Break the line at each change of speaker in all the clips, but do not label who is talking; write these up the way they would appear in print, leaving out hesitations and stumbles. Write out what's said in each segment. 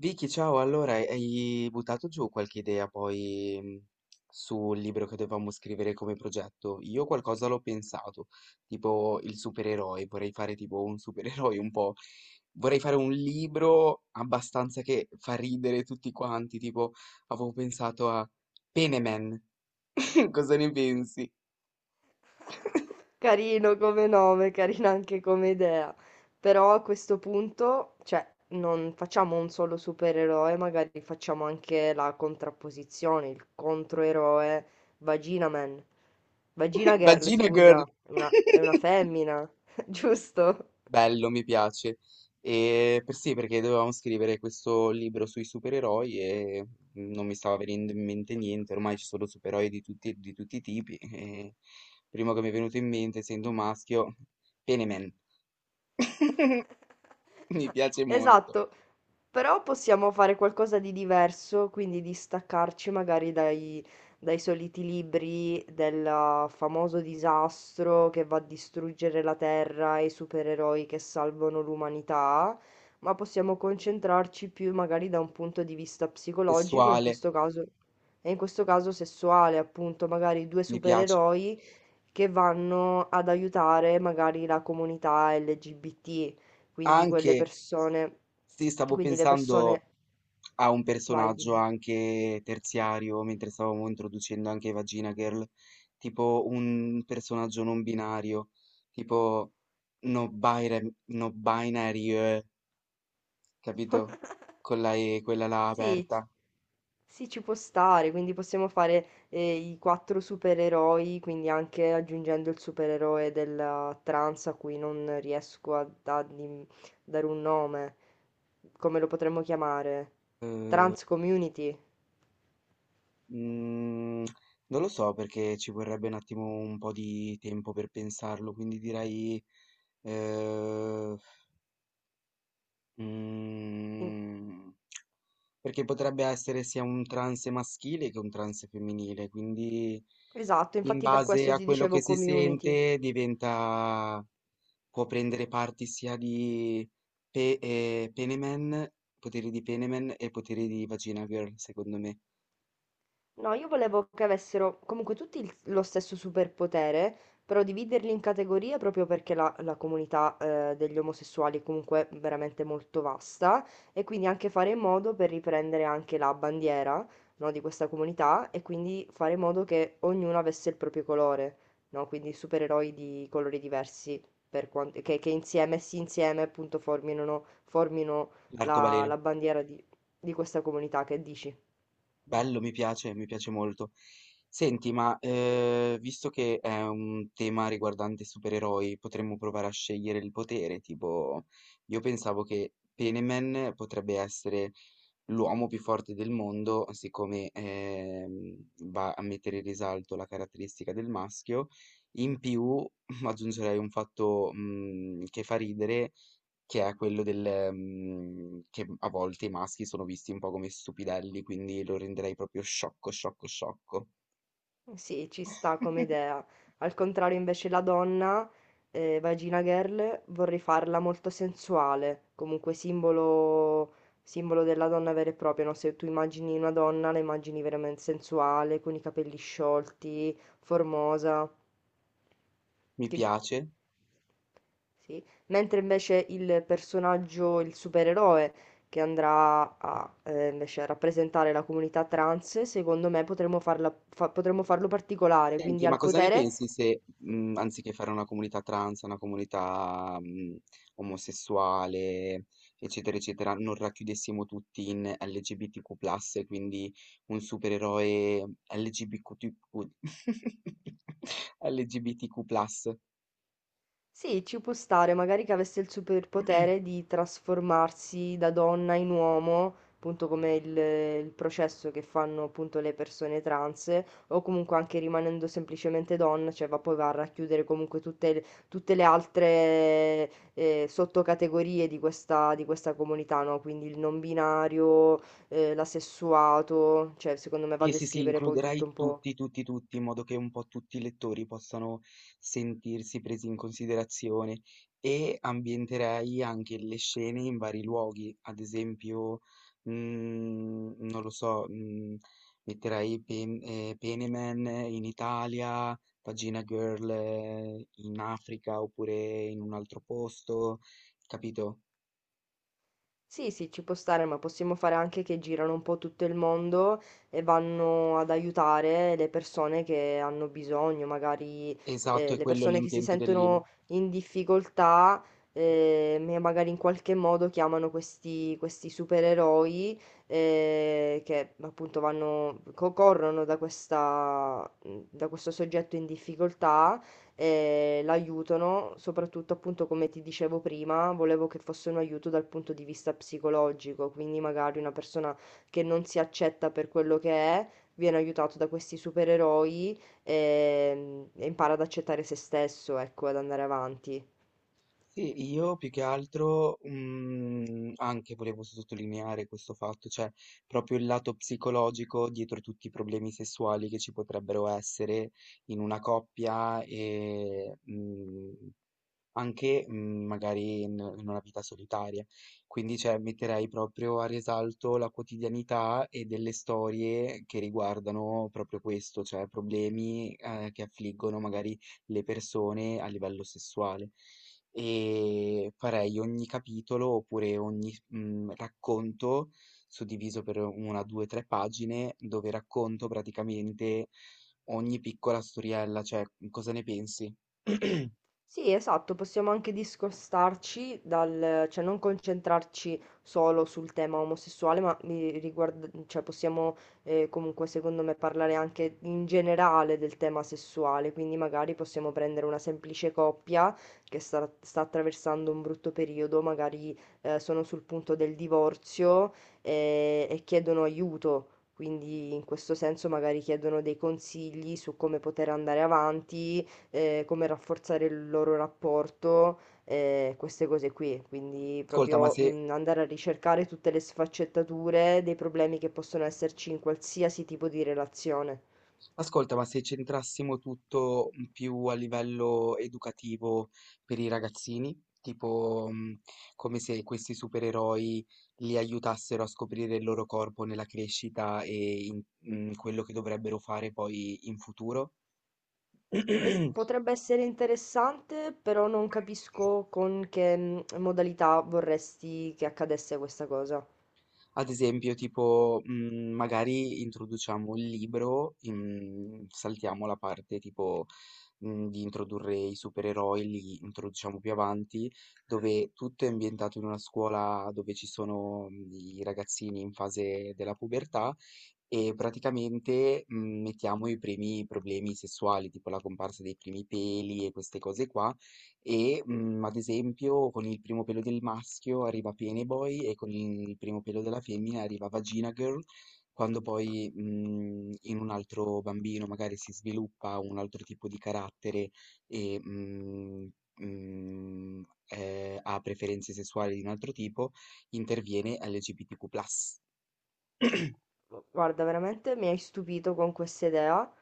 Vicky, ciao, allora hai buttato giù qualche idea poi sul libro che dovevamo scrivere come progetto? Io qualcosa l'ho pensato, tipo il supereroe, vorrei fare tipo un supereroe un po', vorrei fare un libro abbastanza che fa ridere tutti quanti, tipo avevo pensato a Peneman, cosa ne pensi?
Carino come nome, carina anche come idea. Però a questo punto, cioè, non facciamo un solo supereroe, magari facciamo anche la contrapposizione, il controeroe Vagina Man. Vagina Girl,
Vagina
scusa,
Girl!
è una femmina, giusto?
Bello, mi piace. E per sì, perché dovevamo scrivere questo libro sui supereroi e non mi stava venendo in mente niente, ormai ci sono supereroi di tutti i tipi. E il primo che mi è venuto in mente, essendo maschio, Peneman, mi piace molto.
Esatto, però possiamo fare qualcosa di diverso, quindi distaccarci magari dai soliti libri del famoso disastro che va a distruggere la Terra e i supereroi che salvano l'umanità, ma possiamo concentrarci più magari da un punto di vista psicologico, in
Sessuale,
questo caso, e in questo caso sessuale, appunto, magari due
mi piace.
supereroi che vanno ad aiutare magari la comunità LGBT, quindi quelle
Anche,
persone,
sì, stavo
quindi le persone,
pensando ha un
vai,
personaggio
dimmi.
anche terziario, mentre stavamo introducendo anche Vagina Girl, tipo un personaggio non binario, tipo no binary, no binary, capito? Con la E, quella là
Sì,
aperta.
sì, ci può stare, quindi possiamo fare i quattro supereroi, quindi anche aggiungendo il supereroe della trans a cui non riesco a dare un nome. Come lo potremmo chiamare? Trans Community.
Mm, non lo so perché ci vorrebbe un attimo un po' di tempo per pensarlo, quindi direi... eh,
In-
mm, perché potrebbe essere sia un trance maschile che un trance femminile, quindi
Esatto,
in
infatti per
base
questo
a
ti
quello
dicevo
che si
community.
sente diventa, può prendere parti sia di Peneman, poteri di Peneman e poteri di Vagina Girl, secondo me,
No, io volevo che avessero comunque tutti lo stesso superpotere, però dividerli in categorie proprio perché la comunità degli omosessuali è comunque veramente molto vasta e quindi anche fare in modo per riprendere anche la bandiera, no, di questa comunità e quindi fare in modo che ognuno avesse il proprio colore, no? Quindi supereroi di colori diversi per che insieme, insieme appunto formino
l'arcobaleno.
la bandiera di questa comunità, che dici?
Bello, mi piace molto. Senti, ma visto che è un tema riguardante supereroi, potremmo provare a scegliere il potere, tipo, io pensavo che Peneman potrebbe essere l'uomo più forte del mondo, siccome va a mettere in risalto la caratteristica del maschio, in più aggiungerei un fatto che fa ridere, che è quello del, che a volte i maschi sono visti un po' come stupidelli, quindi lo renderei proprio sciocco, sciocco, sciocco.
Sì, ci sta come idea. Al contrario, invece, la donna, Vagina Girl, vorrei farla molto sensuale, comunque simbolo, simbolo della donna vera e propria, no? Se tu immagini una donna, la immagini veramente sensuale, con i capelli sciolti, formosa.
Mi
che-
piace.
Sì. Mentre invece il personaggio, il supereroe, che andrà a invece a rappresentare la comunità trans, secondo me potremmo potremmo farlo particolare, quindi
Senti, ma
al
cosa ne
potere.
pensi se, anziché fare una comunità trans, una comunità, omosessuale, eccetera, eccetera, non racchiudessimo tutti in LGBTQ+, e quindi un supereroe LGBTQ, LGBTQ+,
Sì, ci può stare, magari che avesse il superpotere di trasformarsi da donna in uomo, appunto come il processo che fanno appunto le persone trans, o comunque anche rimanendo semplicemente donna, cioè va a racchiudere comunque tutte le altre sottocategorie di di questa comunità, no? Quindi il non binario, l'asessuato, cioè secondo me va a
Sì, sì, sì,
descrivere poi tutto
includerai
un po'.
tutti, tutti, tutti, in modo che un po' tutti i lettori possano sentirsi presi in considerazione e ambienterei anche le scene in vari luoghi, ad esempio, mm, non lo so, mm, metterai Peneman in Italia, Pagina Girl in Africa oppure in un altro posto, capito?
Sì, sì, ci può stare, ma possiamo fare anche che girano un po' tutto il mondo e vanno ad aiutare le persone che hanno bisogno, magari
Esatto, è
le
quello
persone che si
l'intento del libro.
sentono in difficoltà e magari in qualche modo chiamano questi supereroi che appunto corrono da da questo soggetto in difficoltà l'aiutano, soprattutto appunto come ti dicevo prima, volevo che fosse un aiuto dal punto di vista psicologico, quindi magari una persona che non si accetta per quello che è, viene aiutato da questi supereroi e impara ad accettare se stesso, ecco, ad andare avanti.
Sì, io più che altro anche volevo sottolineare questo fatto, cioè proprio il lato psicologico dietro tutti i problemi sessuali che ci potrebbero essere in una coppia anche magari in una vita solitaria. Quindi, cioè, metterei proprio a risalto la quotidianità e delle storie che riguardano proprio questo, cioè problemi che affliggono magari le persone a livello sessuale. E farei ogni capitolo oppure ogni racconto suddiviso per una, due, tre pagine dove racconto praticamente ogni piccola storiella, cioè cosa ne pensi?
Sì, esatto, possiamo anche discostarci dal, cioè non concentrarci solo sul tema omosessuale, ma cioè possiamo comunque secondo me parlare anche in generale del tema sessuale, quindi magari possiamo prendere una semplice coppia che sta attraversando un brutto periodo, magari sono sul punto del divorzio e chiedono aiuto. Quindi in questo senso magari chiedono dei consigli su come poter andare avanti, come rafforzare il loro rapporto, queste cose qui. Quindi
Ascolta, ma
proprio
se,
andare a ricercare tutte le sfaccettature dei problemi che possono esserci in qualsiasi tipo di relazione.
Ascolta, ma se centrassimo tutto più a livello educativo per i ragazzini, tipo come se questi supereroi li aiutassero a scoprire il loro corpo nella crescita in quello che dovrebbero fare poi in futuro.
Potrebbe essere interessante, però non capisco con che modalità vorresti che accadesse questa cosa.
Ad esempio, tipo, magari introduciamo il libro, in saltiamo la parte tipo, di introdurre i supereroi, li introduciamo più avanti, dove tutto è ambientato in una scuola dove ci sono i ragazzini in fase della pubertà e praticamente, mettiamo i primi problemi sessuali, tipo la comparsa dei primi peli e queste cose qua, ad esempio, con il primo pelo del maschio arriva Penneboy e con il primo pelo della femmina arriva Vagina Girl, quando poi, in un altro bambino magari si sviluppa un altro tipo di carattere e, mhmm, mhmm, ha preferenze sessuali di un altro tipo, interviene LGBTQ+.
Guarda, veramente mi hai stupito con questa idea.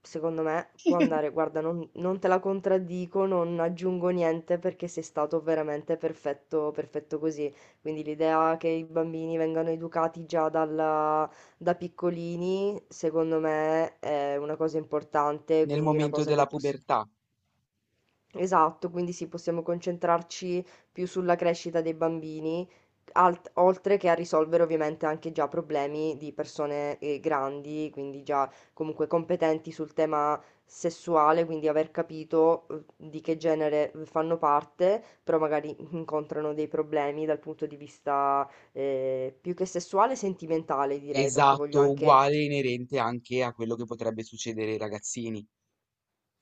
Secondo me può andare. Guarda, non te la contraddico, non aggiungo niente perché sei stato veramente perfetto, perfetto così. Quindi l'idea che i bambini vengano educati da piccolini, secondo me è una cosa importante,
Nel
quindi una
momento
cosa che,
della
poss-
pubertà,
Esatto, quindi sì, possiamo concentrarci più sulla crescita dei bambini, oltre che a risolvere ovviamente anche già problemi di persone grandi, quindi già comunque competenti sul tema sessuale, quindi aver capito di che genere fanno parte, però magari incontrano dei problemi dal punto di vista più che sessuale, sentimentale direi, perché voglio
esatto,
anche.
uguale, inerente anche a quello che potrebbe succedere ai ragazzini.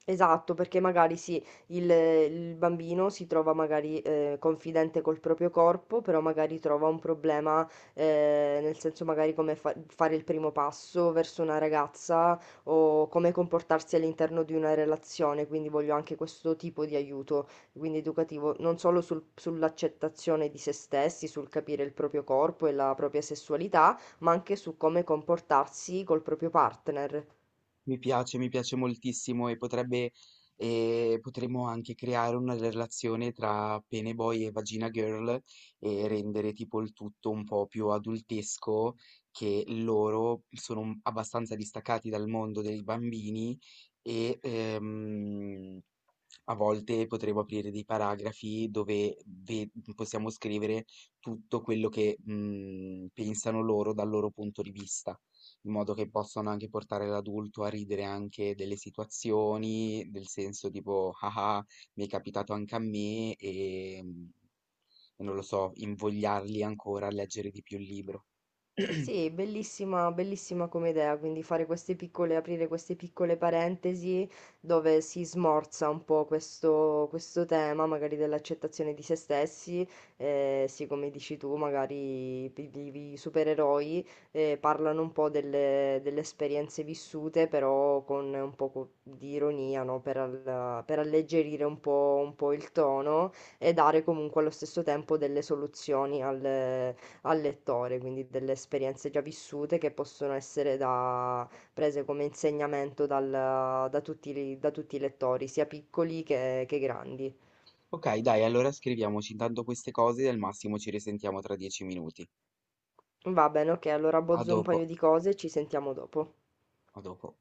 Esatto, perché magari sì, il bambino si trova magari confidente col proprio corpo, però magari trova un problema, nel senso magari come fare il primo passo verso una ragazza o come comportarsi all'interno di una relazione, quindi voglio anche questo tipo di aiuto, quindi educativo, non solo sull'accettazione di se stessi, sul capire il proprio corpo e la propria sessualità, ma anche su come comportarsi col proprio partner.
Mi piace moltissimo e potrebbe, potremmo anche creare una relazione tra Pene Boy e Vagina Girl e rendere tipo il tutto un po' più adultesco, che loro sono abbastanza distaccati dal mondo dei bambini e a volte potremmo aprire dei paragrafi dove possiamo scrivere tutto quello che pensano loro dal loro punto di vista in modo che possano anche portare l'adulto a ridere anche delle situazioni, del senso tipo, ah ah, mi è capitato anche a me e non lo so, invogliarli ancora a leggere di più il libro.
Sì, bellissima, bellissima come idea, quindi fare queste piccole, aprire queste piccole parentesi dove si smorza un po' questo tema, magari dell'accettazione di se stessi, sì, come dici tu, magari i supereroi parlano un po' delle esperienze vissute, però con un po' di ironia, no? Per alleggerire un po' il tono e dare comunque allo stesso tempo delle soluzioni al al lettore, quindi delle esperienze già vissute che possono essere prese come insegnamento da tutti, da tutti i lettori, sia piccoli che grandi.
Ok, dai, allora scriviamoci intanto queste cose e al massimo ci risentiamo tra 10 minuti.
Va bene, ok, allora
A
bozzo un
dopo,
paio di cose e ci sentiamo dopo.
a dopo.